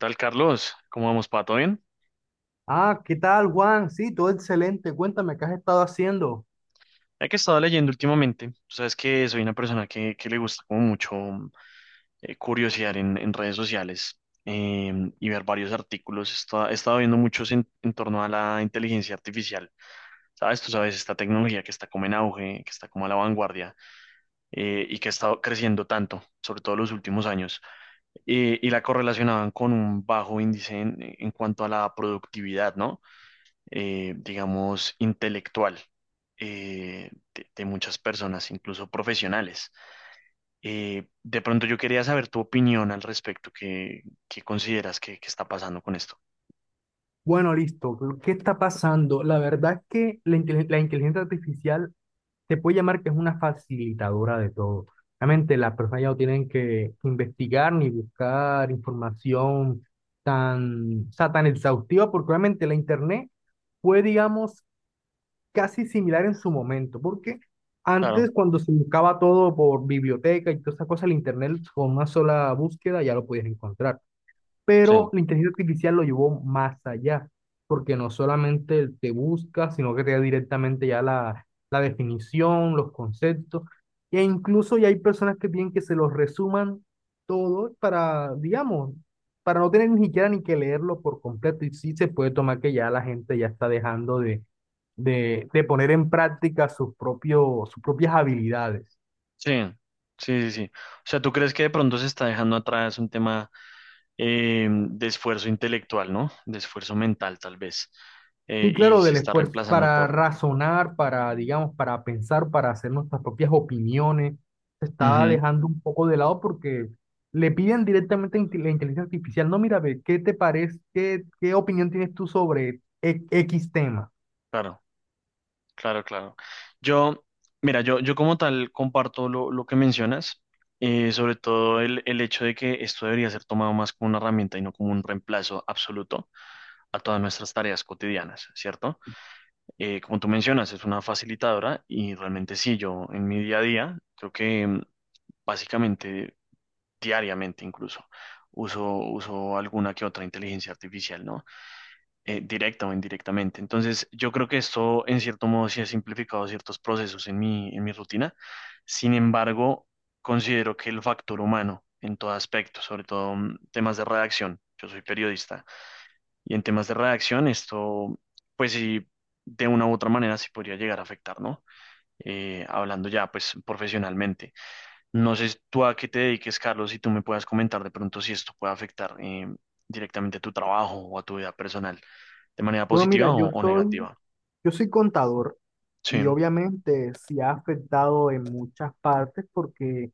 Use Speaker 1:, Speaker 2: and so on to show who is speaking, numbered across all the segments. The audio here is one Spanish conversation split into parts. Speaker 1: Tal Carlos, ¿cómo vamos, pato? ¿Bien?
Speaker 2: Ah, ¿qué tal, Juan? Sí, todo excelente. Cuéntame, ¿qué has estado haciendo?
Speaker 1: Ya que he estado leyendo últimamente, tú sabes que soy una persona que le gusta como mucho curiosear en redes sociales y ver varios artículos. He estado viendo muchos en torno a la inteligencia artificial. ¿Sabes? Tú sabes, esta tecnología que está como en auge, que está como a la vanguardia y que ha estado creciendo tanto, sobre todo en los últimos años, y la correlacionaban con un bajo índice en cuanto a la productividad, ¿no? Digamos, intelectual de muchas personas, incluso profesionales. De pronto yo quería saber tu opinión al respecto, ¿qué consideras que está pasando con esto?
Speaker 2: Bueno, listo. ¿Qué está pasando? La verdad es que la inteligencia artificial se puede llamar que es una facilitadora de todo. Realmente las personas ya no tienen que investigar ni buscar información tan exhaustiva porque obviamente la internet fue, digamos, casi similar en su momento, porque
Speaker 1: Claro,
Speaker 2: antes cuando se buscaba todo por biblioteca y todas esas cosas, el internet con una sola búsqueda ya lo podías encontrar. Pero
Speaker 1: sí,
Speaker 2: la inteligencia artificial lo llevó más allá, porque no solamente te busca, sino que te da directamente la definición, los conceptos, e incluso ya hay personas que piden que se los resuman todo para, digamos, para no tener ni siquiera ni que leerlo por completo, y sí se puede tomar que ya la gente ya está dejando de poner en práctica sus propias habilidades.
Speaker 1: sí, sí, sí, sí. O sea, ¿tú crees que de pronto se está dejando atrás un tema de esfuerzo intelectual? ¿No? De esfuerzo mental, tal vez,
Speaker 2: Sí,
Speaker 1: y
Speaker 2: claro,
Speaker 1: se
Speaker 2: del
Speaker 1: está
Speaker 2: esfuerzo
Speaker 1: reemplazando
Speaker 2: para
Speaker 1: por...
Speaker 2: razonar, para, digamos, para pensar, para hacer nuestras propias opiniones, se estaba
Speaker 1: Ujú.
Speaker 2: dejando un poco de lado porque le piden directamente a la inteligencia artificial, no, mira, ve, ¿qué te parece? ¿Qué opinión tienes tú sobre X tema?
Speaker 1: Claro. Claro, claro. Yo, mira, yo como tal comparto lo que mencionas, sobre todo el hecho de que esto debería ser tomado más como una herramienta y no como un reemplazo absoluto a todas nuestras tareas cotidianas, ¿cierto? Como tú mencionas, es una facilitadora y realmente sí, yo en mi día a día, creo que básicamente diariamente incluso, uso alguna que otra inteligencia artificial, ¿no? Directa o indirectamente. Entonces, yo creo que esto, en cierto modo, sí ha simplificado ciertos procesos en mi rutina. Sin embargo, considero que el factor humano en todo aspecto, sobre todo temas de redacción, yo soy periodista, y en temas de redacción, esto, pues sí, de una u otra manera sí podría llegar a afectar, ¿no? Hablando ya pues profesionalmente. No sé tú a qué te dediques, Carlos, si tú me puedas comentar de pronto si esto puede afectar directamente a tu trabajo o a tu vida personal de manera
Speaker 2: Bueno,
Speaker 1: positiva
Speaker 2: mira,
Speaker 1: o negativa.
Speaker 2: yo soy contador
Speaker 1: Sí,
Speaker 2: y obviamente sí ha afectado en muchas partes porque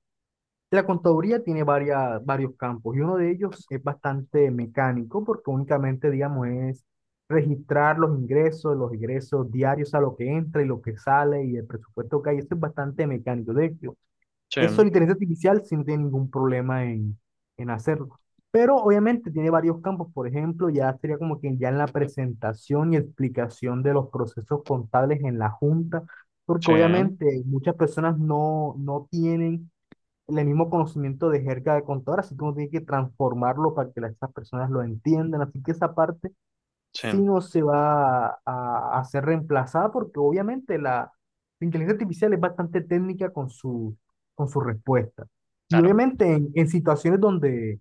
Speaker 2: la contaduría tiene varios campos y uno de ellos es bastante mecánico porque únicamente, digamos, es registrar los ingresos, los egresos diarios, a lo que entra y lo que sale y el presupuesto que hay. Eso es bastante mecánico. De hecho,
Speaker 1: sí,
Speaker 2: eso la inteligencia artificial sí no tiene ningún problema en hacerlo. Pero obviamente tiene varios campos. Por ejemplo, ya sería como que ya en la presentación y explicación de los procesos contables en la junta, porque
Speaker 1: sí,
Speaker 2: obviamente muchas personas no tienen el mismo conocimiento de jerga de contador, así como tiene que transformarlo para que esas personas lo entiendan. Así que esa parte
Speaker 1: sí,
Speaker 2: sí no se va a ser reemplazada porque obviamente la inteligencia artificial es bastante técnica con su respuesta. Y
Speaker 1: claro,
Speaker 2: obviamente en situaciones donde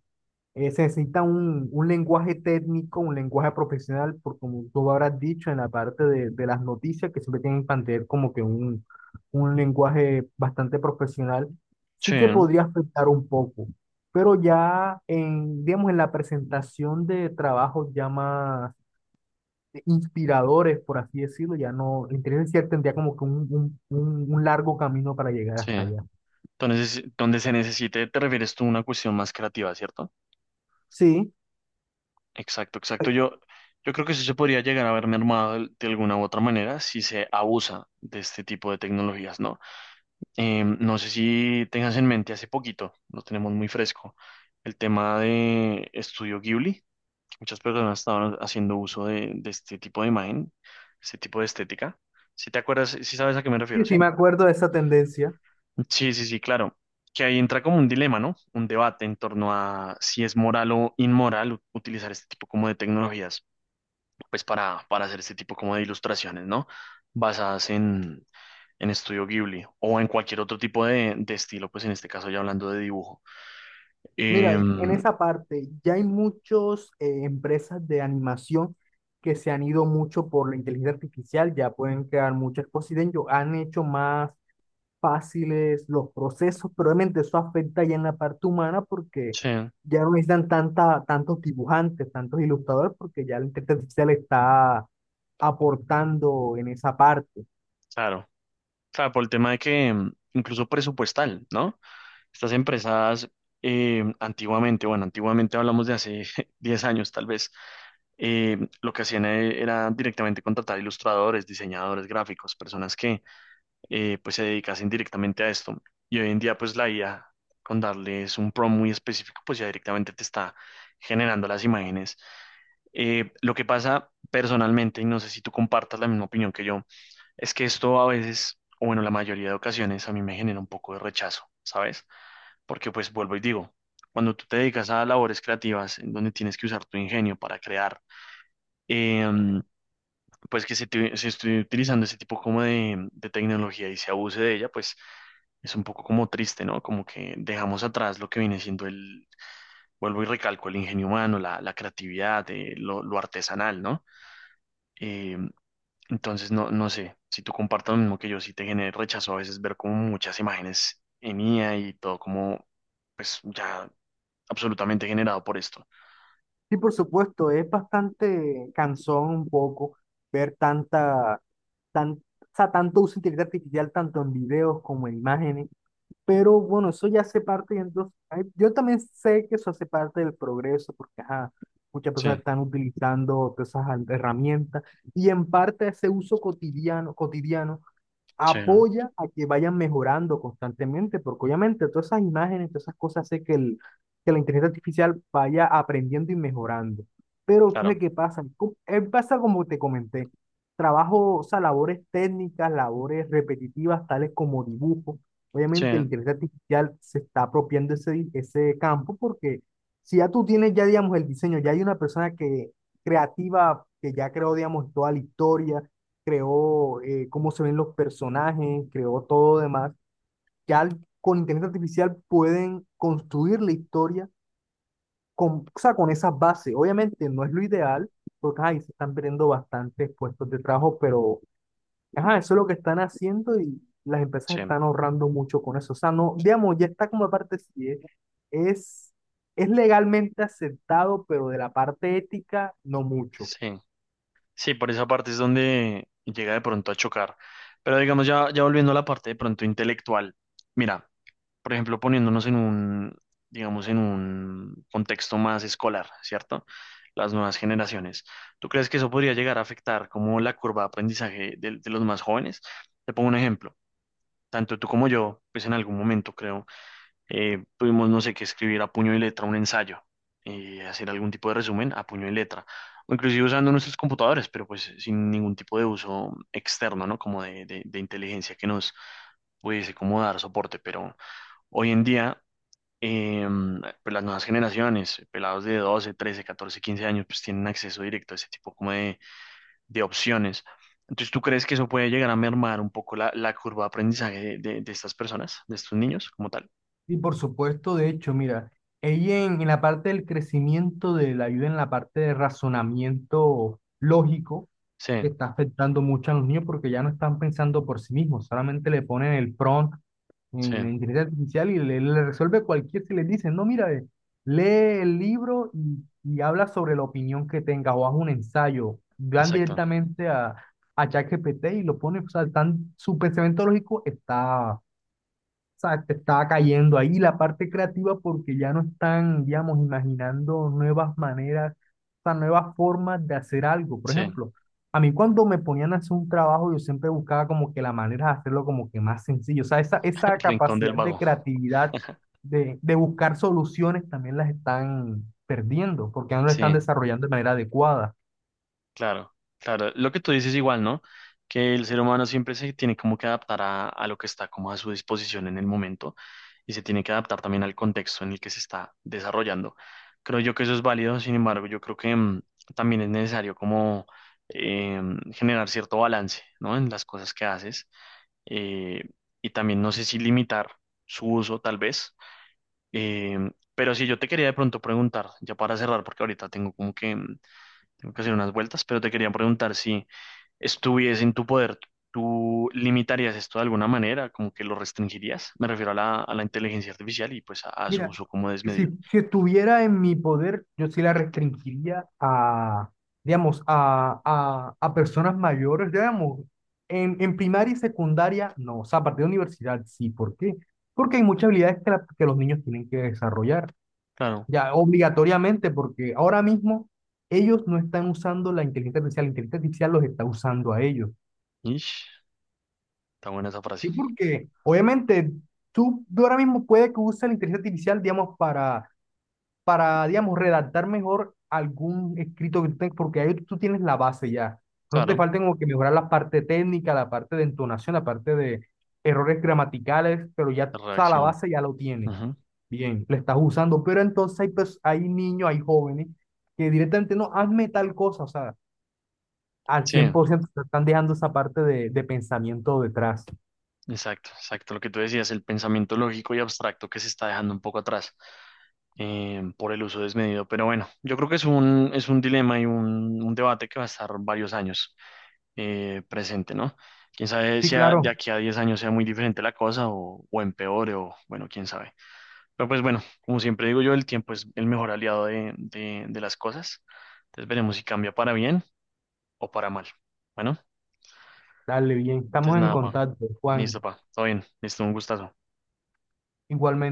Speaker 2: se necesita un lenguaje técnico, un lenguaje profesional, por como tú habrás dicho en la parte de las noticias, que siempre tienen que mantener como que un lenguaje bastante profesional,
Speaker 1: sí,
Speaker 2: sí que podría afectar un poco, pero ya en, digamos, en la presentación de trabajos ya más inspiradores, por así decirlo, ya no, la inteligencia artificial tendría como que un largo camino para llegar
Speaker 1: sí.
Speaker 2: hasta allá.
Speaker 1: Entonces, donde se necesite, te refieres tú a una cuestión más creativa, ¿cierto?
Speaker 2: Sí,
Speaker 1: Exacto, exacto. Yo creo que eso se podría llegar a ver mermado de alguna u otra manera si se abusa de este tipo de tecnologías, ¿no? No sé si tengas en mente hace poquito, lo tenemos muy fresco, el tema de Estudio Ghibli. Muchas personas estaban haciendo uso de este tipo de imagen, este tipo de estética. Si te acuerdas, si sabes a qué me refiero,
Speaker 2: sí,
Speaker 1: ¿sí?
Speaker 2: sí me acuerdo de esa tendencia.
Speaker 1: Sí, sí, sí, claro. Que ahí entra como un dilema, ¿no? Un debate en torno a si es moral o inmoral utilizar este tipo como de tecnologías, pues para hacer este tipo como de ilustraciones, ¿no? Basadas en Estudio Ghibli o en cualquier otro tipo de estilo, pues en este caso ya hablando de dibujo.
Speaker 2: Mira, en
Speaker 1: Em,
Speaker 2: esa parte ya hay muchas empresas de animación que se han ido mucho por la inteligencia artificial, ya pueden crear muchas cosas y de ello han hecho más fáciles los procesos, pero obviamente eso afecta ya en la parte humana porque
Speaker 1: sí,
Speaker 2: ya no necesitan tantos dibujantes, tantos ilustradores, porque ya la inteligencia artificial está aportando en esa parte.
Speaker 1: claro, claro, por el tema de que incluso presupuestal, ¿no? Estas empresas antiguamente, bueno, antiguamente hablamos de hace 10 años tal vez, lo que hacían era directamente contratar ilustradores, diseñadores gráficos, personas que pues se dedicasen directamente a esto. Y hoy en día, pues la IA, con darles un prompt muy específico, pues ya directamente te está generando las imágenes. Lo que pasa personalmente, y no sé si tú compartas la misma opinión que yo, es que esto a veces, o bueno, la mayoría de ocasiones, a mí me genera un poco de rechazo, ¿sabes? Porque pues vuelvo y digo, cuando tú te dedicas a labores creativas, en donde tienes que usar tu ingenio para crear, eh, pues que se, se esté utilizando ese tipo como de tecnología y se abuse de ella, pues es un poco como triste, ¿no? Como que dejamos atrás lo que viene siendo el, vuelvo y recalco, el ingenio humano, la creatividad, lo artesanal, ¿no? Eh, entonces, no, no sé, si tú compartas lo mismo que yo, si te genera rechazo a veces ver como muchas imágenes en IA y todo como, pues ya absolutamente generado por esto.
Speaker 2: Sí, por supuesto, es bastante cansón un poco ver tanta tan, o tanto uso de inteligencia artificial tanto en videos como en imágenes, pero bueno, eso ya hace parte, y entonces, ay, yo también sé que eso hace parte del progreso, porque ajá, muchas
Speaker 1: Sí,
Speaker 2: personas están utilizando todas esas herramientas, y en parte ese uso cotidiano
Speaker 1: sí, ¿no?
Speaker 2: apoya a que vayan mejorando constantemente, porque obviamente todas esas imágenes, todas esas cosas hace que, el, que la inteligencia artificial vaya aprendiendo y mejorando. Pero entonces,
Speaker 1: Claro,
Speaker 2: ¿qué pasa? Pasa como te comenté, trabajo, o sea, labores técnicas, labores repetitivas, tales como dibujo.
Speaker 1: sí,
Speaker 2: Obviamente la inteligencia artificial se está apropiando ese campo porque si ya digamos, el diseño, ya hay una persona que creativa que ya creó, digamos, toda la historia, creó cómo se ven los personajes, creó todo demás. Ya con inteligencia artificial pueden construir la historia con esas bases. Obviamente no es lo ideal, porque ahí se están perdiendo bastantes puestos de trabajo, pero ajá, eso es lo que están haciendo y las empresas
Speaker 1: sí,
Speaker 2: están ahorrando mucho con eso. O sea, no, digamos, ya está como parte si es, es, es legalmente aceptado, pero de la parte ética, no mucho.
Speaker 1: sí. Sí, por esa parte es donde llega de pronto a chocar. Pero digamos, ya, ya volviendo a la parte de pronto intelectual, mira, por ejemplo, poniéndonos en un, digamos, en un contexto más escolar, ¿cierto? Las nuevas generaciones. ¿Tú crees que eso podría llegar a afectar como la curva de aprendizaje de los más jóvenes? Te pongo un ejemplo. Tanto tú como yo, pues en algún momento creo tuvimos, no sé, que escribir a puño y letra un ensayo y hacer algún tipo de resumen a puño y letra, o inclusive usando nuestros computadores, pero pues sin ningún tipo de uso externo, ¿no? Como de inteligencia que nos pudiese como dar soporte, pero hoy en día... eh, pues las nuevas generaciones, pelados de 12 13 14 15 años, pues tienen acceso directo a ese tipo como de opciones. Entonces, ¿tú crees que eso puede llegar a mermar un poco la curva de aprendizaje de, de estas personas, de estos niños como tal?
Speaker 2: Y por supuesto, de hecho, mira, ella en la parte del crecimiento de la ayuda en la parte de razonamiento lógico, que
Speaker 1: Sí,
Speaker 2: está afectando mucho a los niños porque ya no están pensando por sí mismos, solamente le ponen el prompt
Speaker 1: sí.
Speaker 2: en la inteligencia artificial y le resuelve cualquier si le dicen, no, mira, lee el libro y habla sobre la opinión que tengas o haz un ensayo, van
Speaker 1: Exacto,
Speaker 2: directamente a ChatGPT y lo pone o sea, tan, su pensamiento lógico está o sea, te estaba cayendo ahí la parte creativa porque ya no están, digamos, imaginando nuevas maneras, o sea, nuevas formas de hacer algo. Por
Speaker 1: sí,
Speaker 2: ejemplo, a mí cuando me ponían a hacer un trabajo, yo siempre buscaba como que la manera de hacerlo como que más sencillo. O sea, esa
Speaker 1: Rincón del
Speaker 2: capacidad de
Speaker 1: Vago,
Speaker 2: creatividad, de buscar soluciones, también las están perdiendo porque ya no lo están
Speaker 1: sí,
Speaker 2: desarrollando de manera adecuada.
Speaker 1: claro, claro, lo que tú dices igual, ¿no? Que el ser humano siempre se tiene como que adaptar a lo que está como a su disposición en el momento y se tiene que adaptar también al contexto en el que se está desarrollando. Creo yo que eso es válido, sin embargo, yo creo que también es necesario como eh, generar cierto balance, ¿no? En las cosas que haces eh, y también no sé si limitar su uso tal vez. Eh, pero sí, yo te quería de pronto preguntar, ya para cerrar, porque ahorita tengo como que, tengo que hacer unas vueltas, pero te quería preguntar si estuviese en tu poder, ¿tú limitarías esto de alguna manera? ¿Como que lo restringirías? Me refiero a la inteligencia artificial y pues a su
Speaker 2: Mira,
Speaker 1: uso como desmedido.
Speaker 2: si estuviera en mi poder, yo sí la restringiría a, digamos, a personas mayores, digamos, en primaria y secundaria, no, o sea, a partir de universidad, sí, ¿por qué? Porque hay muchas habilidades que, que los niños tienen que desarrollar,
Speaker 1: Claro.
Speaker 2: ya obligatoriamente, porque ahora mismo ellos no están usando la inteligencia artificial los está usando a ellos,
Speaker 1: Ish, está buena esa frase.
Speaker 2: ¿sí? Porque obviamente tú ahora mismo puede que uses la inteligencia artificial, digamos, para, digamos, redactar mejor algún escrito que tú tengas, porque ahí tú tienes la base ya. No te
Speaker 1: Claro,
Speaker 2: falta como que mejorar la parte técnica, la parte de entonación, la parte de errores gramaticales, pero ya o
Speaker 1: la
Speaker 2: sea, la
Speaker 1: reacción.
Speaker 2: base ya lo tienes.
Speaker 1: Ujú.
Speaker 2: Bien, le estás usando, pero entonces hay niños, hay jóvenes que directamente no, hazme tal cosa, o sea, al
Speaker 1: Sí,
Speaker 2: 100% te están dejando esa parte de pensamiento detrás.
Speaker 1: exacto, exacto. Lo que tú decías, el pensamiento lógico y abstracto que se está dejando un poco atrás. Por el uso desmedido. Pero bueno, yo creo que es un dilema y un debate que va a estar varios años presente, ¿no? Quién sabe
Speaker 2: Sí,
Speaker 1: si de
Speaker 2: claro,
Speaker 1: aquí a 10 años sea muy diferente la cosa o empeore o bueno, quién sabe. Pero pues bueno, como siempre digo yo, el tiempo es el mejor aliado de las cosas. Entonces veremos si cambia para bien o para mal. Bueno,
Speaker 2: dale bien, estamos
Speaker 1: entonces
Speaker 2: en
Speaker 1: nada, pa.
Speaker 2: contacto, Juan.
Speaker 1: Listo, pa. Todo bien. Listo, un gustazo.
Speaker 2: Igualmente.